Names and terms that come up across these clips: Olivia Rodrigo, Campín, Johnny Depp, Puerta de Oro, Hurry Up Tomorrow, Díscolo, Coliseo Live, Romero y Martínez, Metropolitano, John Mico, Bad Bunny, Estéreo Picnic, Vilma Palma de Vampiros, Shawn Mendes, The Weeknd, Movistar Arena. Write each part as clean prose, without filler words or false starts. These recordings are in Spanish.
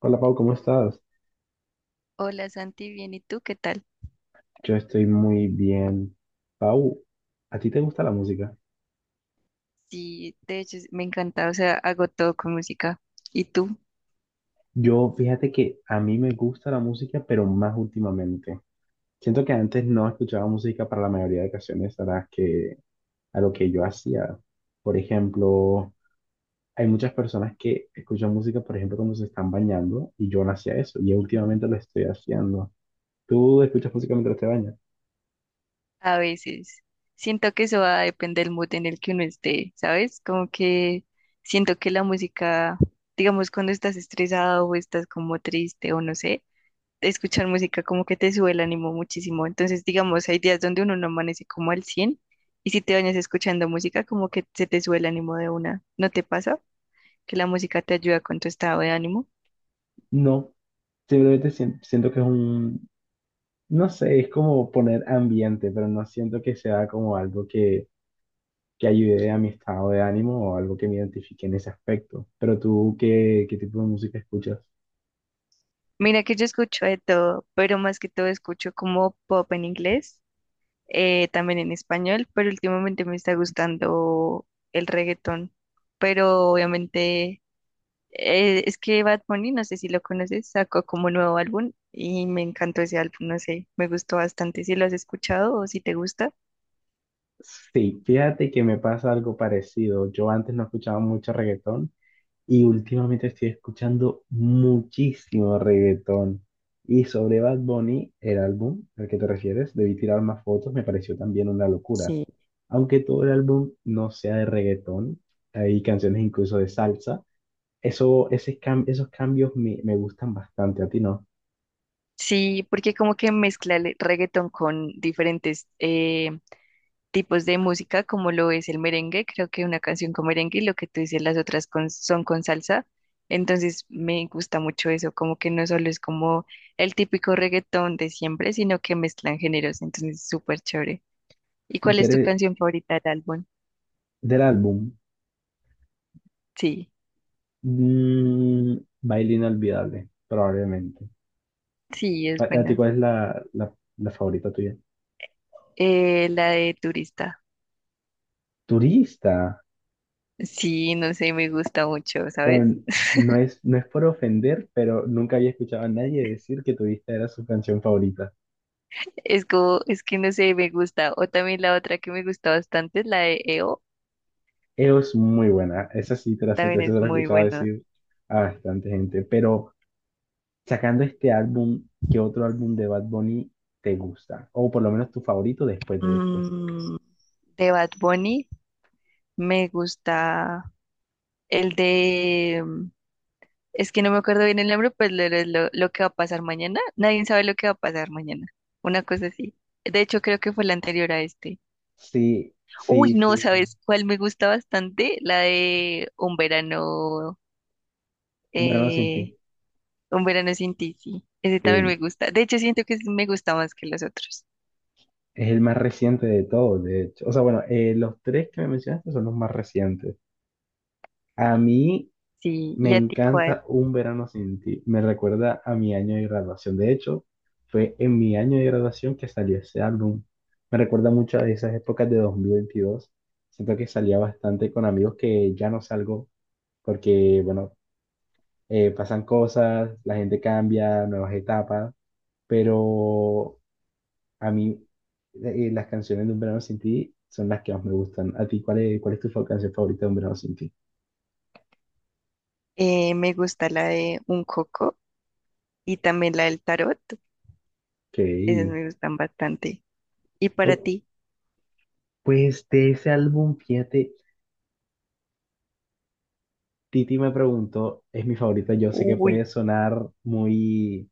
Hola Pau, ¿cómo estás? Hola Santi, bien, ¿y tú qué tal? Yo estoy muy bien. Pau, ¿a ti te gusta la música? Sí, de hecho me encanta, o sea, hago todo con música. ¿Y tú? Yo, fíjate que a mí me gusta la música, pero más últimamente. Siento que antes no escuchaba música para la mayoría de ocasiones a lo que yo hacía. Por ejemplo, hay muchas personas que escuchan música, por ejemplo, cuando se están bañando, y yo no hacía eso, y últimamente lo estoy haciendo. ¿Tú escuchas música mientras te bañas? A veces. Siento que eso va a depender del mood en el que uno esté, ¿sabes? Como que siento que la música, digamos, cuando estás estresado o estás como triste o no sé, escuchar música como que te sube el ánimo muchísimo. Entonces, digamos, hay días donde uno no amanece como al 100 y si te bañas escuchando música, como que se te sube el ánimo de una. ¿No te pasa? Que la música te ayuda con tu estado de ánimo. No, simplemente siento que no sé, es como poner ambiente, pero no siento que sea como algo que ayude a mi estado de ánimo o algo que me identifique en ese aspecto. Pero tú, ¿qué tipo de música escuchas? Mira que yo escucho de todo, pero más que todo escucho como pop en inglés, también en español, pero últimamente me está gustando el reggaetón. Pero obviamente es que Bad Bunny, no sé si lo conoces, sacó como nuevo álbum y me encantó ese álbum, no sé, me gustó bastante. Si lo has escuchado o si te gusta. Sí, fíjate que me pasa algo parecido. Yo antes no escuchaba mucho reggaetón y últimamente estoy escuchando muchísimo reggaetón. Y sobre Bad Bunny, el álbum al que te refieres, debí tirar más fotos, me pareció también una locura. Sí, Aunque todo el álbum no sea de reggaetón, hay canciones incluso de salsa. Eso, esos cambios me gustan bastante, ¿a ti no? sí, porque como que mezcla el reggaetón con diferentes tipos de música como lo es el merengue. Creo que una canción con merengue y lo que tú dices, las otras con- son con salsa. Entonces me gusta mucho eso, como que no solo es como el típico reggaetón de siempre, sino que mezclan géneros. Entonces es súper chévere. ¿Y Y cuál tú es tu eres canción favorita del álbum? del álbum. Sí, mm, Baile Inolvidable, probablemente. sí, ¿A, es a ti buena. cuál es la favorita tuya? La de Turista. Turista. Sí, no sé, me gusta mucho, ¿sabes? Bueno, no es por ofender, pero nunca había escuchado a nadie decir que Turista era su canción favorita. Es como, es que no sé, me gusta. O también la otra que me gusta bastante, la de E o Es muy buena. Esa sí te la acepto, también esa se es la he muy escuchado buena. decir a bastante gente. Pero sacando este álbum, ¿qué otro álbum de Bad Bunny te gusta? O por lo menos tu favorito después de este. Mm, de Bad Bunny, me gusta el de, es que no me acuerdo bien el nombre, pues lo que va a pasar mañana. Nadie sabe lo que va a pasar mañana. Una cosa así. De hecho, creo que fue la anterior a este. Sí, Uy, sí, no, sí. ¿sabes cuál me gusta bastante? La de Un verano sin eh, ti. Un verano sin ti, sí. Ese también me Sí, gusta. De hecho, siento que ese me gusta más que los otros. es el más reciente de todos, de hecho. O sea, bueno, los tres que me mencionaste son los más recientes. A mí Sí, me ¿y a ti cuál? encanta Un verano sin ti. Me recuerda a mi año de graduación. De hecho, fue en mi año de graduación que salió ese álbum. Me recuerda mucho a esas épocas de 2022. Siento que salía bastante con amigos que ya no salgo porque, bueno, pasan cosas, la gente cambia, nuevas etapas, pero a mí las canciones de Un Verano Sin Ti son las que más me gustan. ¿A ti cuál es tu canción favorita de Un Verano Sin Ti? Me gusta la de Un coco y también la del tarot. Ok. Esas me gustan bastante. ¿Y para Oh, ti? pues de ese álbum, fíjate, Titi me preguntó, es mi favorita, yo sé que Uy, puede sonar muy,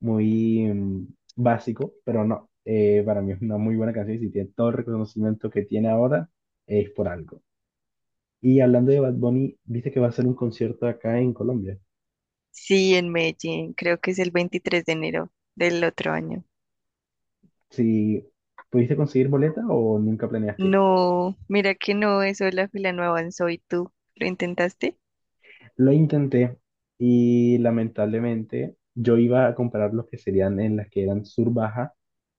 muy básico, pero no. Para mí es una muy buena canción y si tiene todo el reconocimiento que tiene ahora, es por algo. Y hablando de Bad Bunny, viste que va a hacer un concierto acá en Colombia. sí, en Medellín, creo que es el 23 de enero del otro año. Si pudiste conseguir boleta o nunca planeaste ir. No, mira que no, eso de la fila no avanzó y tú lo intentaste. Lo intenté y lamentablemente yo iba a comprar los que serían en las que eran sur baja,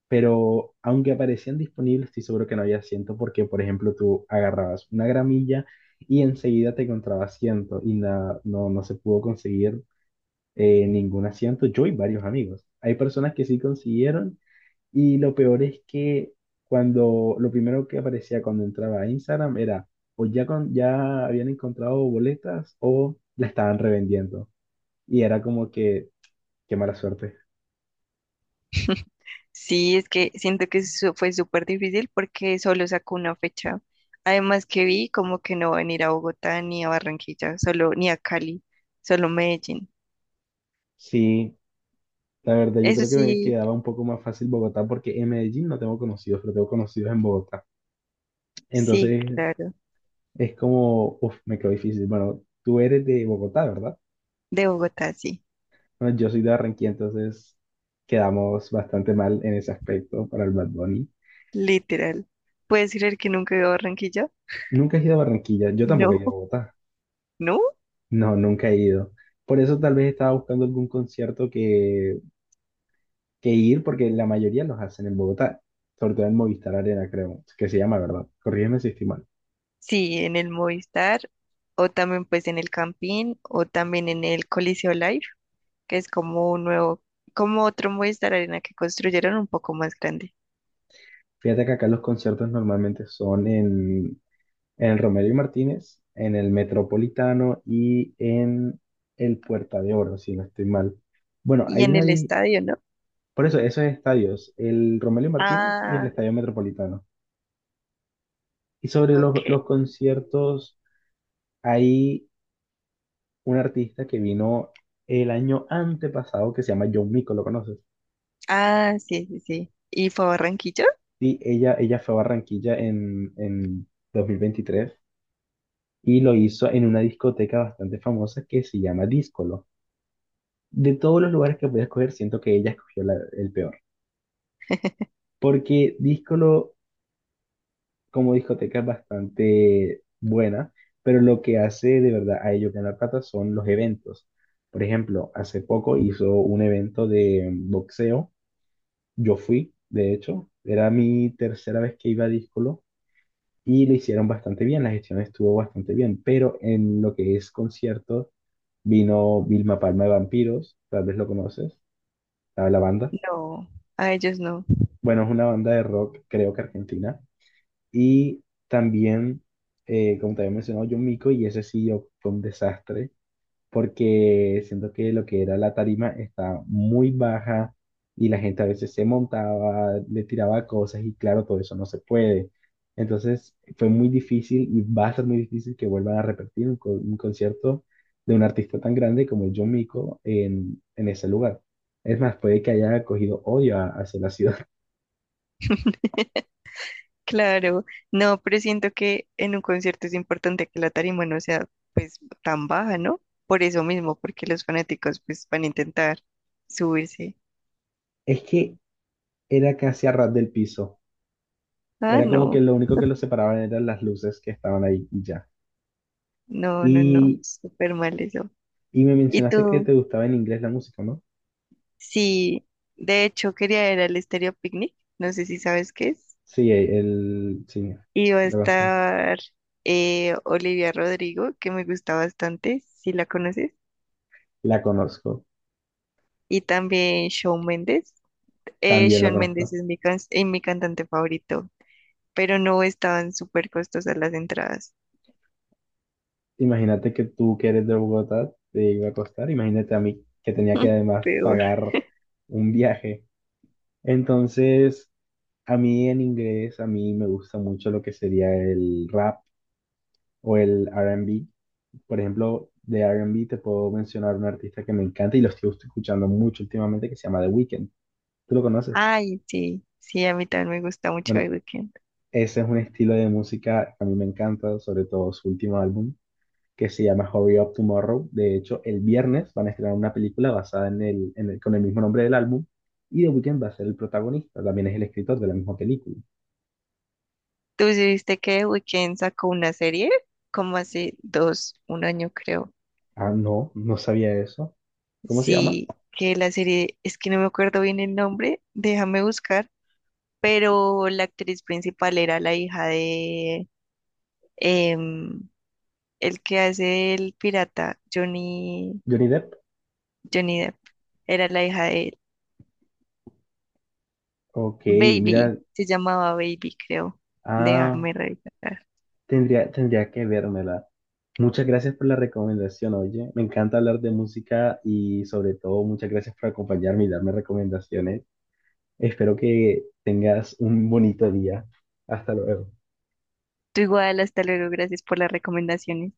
pero aunque aparecían disponibles, estoy seguro que no había asiento porque, por ejemplo, tú agarrabas una gramilla y enseguida te encontraba asiento y no, no se pudo conseguir ningún asiento. Yo y varios amigos. Hay personas que sí consiguieron. Y lo peor es que cuando lo primero que aparecía cuando entraba a Instagram era o ya, ya habían encontrado boletas o la estaban revendiendo. Y era como que, qué mala suerte. Sí, es que siento que eso fue súper difícil porque solo sacó una fecha. Además que vi como que no van a ir a Bogotá ni a Barranquilla, solo ni a Cali, solo Medellín. Sí, la verdad, yo Eso creo que me sí, quedaba un poco más fácil Bogotá porque en Medellín no tengo conocidos, pero tengo conocidos en Bogotá. sí, Entonces claro. es como, uff, me quedó difícil. Bueno, tú eres de Bogotá, ¿verdad? De Bogotá, sí, Bueno, yo soy de Barranquilla, entonces quedamos bastante mal en ese aspecto para el Bad Bunny. literal. ¿Puedes creer que nunca he ido a Barranquilla? Nunca he ido a Barranquilla, yo tampoco he No, ido a Bogotá. no. No, nunca he ido. Por eso tal vez estaba buscando algún concierto que, ir, porque la mayoría los hacen en Bogotá, sobre todo en Movistar Arena, creo, que se llama, ¿verdad? Corrígeme si estoy mal. Sí, en el Movistar o también pues en el Campín o también en el Coliseo Live, que es como un nuevo, como otro Movistar Arena que construyeron un poco más grande. Fíjate que acá los conciertos normalmente son en el Romero y Martínez, en el Metropolitano y en el Puerta de Oro, si no estoy mal. Bueno. Y en el estadio, ¿no? Por eso, esos estadios, el Romero y Martínez y el Ah, Estadio Metropolitano. Y sobre los, ok. los conciertos. Hay un artista que vino el año antepasado que se llama John Mico, ¿lo conoces? Ah, sí, sí, sí. ¿Y fue a Barranquilla? Sí, ella fue a Barranquilla en 2023 y lo hizo en una discoteca bastante famosa que se llama Díscolo. De todos los lugares que podía escoger, siento que ella escogió el peor. Porque Díscolo como discoteca es bastante buena, pero lo que hace de verdad a ellos ganar plata son los eventos. Por ejemplo, hace poco hizo un evento de boxeo. Yo fui, de hecho, era mi tercera vez que iba a Díscolo y lo hicieron bastante bien, la gestión estuvo bastante bien, pero en lo que es concierto vino Vilma Palma de Vampiros, tal vez lo conoces, la banda. No, a ellos no. Bueno, es una banda de rock, creo que argentina, y también, como te había mencionado, John Mico, y ese sí yo, fue un desastre. Porque siento que lo que era la tarima estaba muy baja y la gente a veces se montaba, le tiraba cosas y claro, todo eso no se puede. Entonces fue muy difícil y va a ser muy difícil que vuelvan a repetir un concierto de un artista tan grande como John Mico en, ese lugar. Es más, puede que haya cogido odio hacia la ciudad. Claro, no, pero siento que en un concierto es importante que la tarima no sea pues tan baja, ¿no? Por eso mismo, porque los fanáticos pues van a intentar subirse. Es que era casi a ras del piso. Ah, Era como que no. lo único que los separaban eran las luces que estaban ahí y ya. No, no, no, Y súper mal eso. Y me ¿Y mencionaste que tú? te gustaba en inglés la música, ¿no? Sí, de hecho quería ir al Estéreo Picnic, no sé si sabes qué es. Sí, el, sí, Y va a la conozco. estar Olivia Rodrigo, que me gusta bastante, si la conoces. La conozco, Y también Shawn Mendes. También lo Shawn Mendes conozco. es mi cantante favorito, pero no estaban súper costosas las entradas. Imagínate que tú que eres de Bogotá te iba a costar, imagínate a mí que tenía que además Peor. pagar un viaje. Entonces, a mí en inglés, a mí me gusta mucho lo que sería el rap o el R&B. Por ejemplo, de R&B te puedo mencionar un artista que me encanta y lo estoy escuchando mucho últimamente que se llama The Weeknd. ¿Tú lo conoces? Ay, sí, sí, a mí también me gusta mucho The Bueno, Weeknd. ese es un estilo de música que a mí me encanta, sobre todo su último álbum, que se llama Hurry Up Tomorrow. De hecho, el viernes van a estrenar una película basada en el, con el mismo nombre del álbum y The Weeknd va a ser el protagonista, también es el escritor de la misma película. ¿Tú sí viste que Weeknd sacó una serie? Como hace dos, un año creo. Ah, no, no sabía eso. ¿Cómo se llama? Sí, que la serie, es que no me acuerdo bien el nombre, déjame buscar, pero la actriz principal era la hija de em, el que hace el pirata, Johnny, Johnny Depp. Johnny Depp. Era la hija de él. Ok, Baby, mira, se llamaba Baby, creo. ah, Déjame revisar. tendría que vérmela. Muchas gracias por la recomendación, oye. Me encanta hablar de música y sobre todo muchas gracias por acompañarme y darme recomendaciones. Espero que tengas un bonito día. Hasta luego. Tú igual, hasta luego, gracias por las recomendaciones.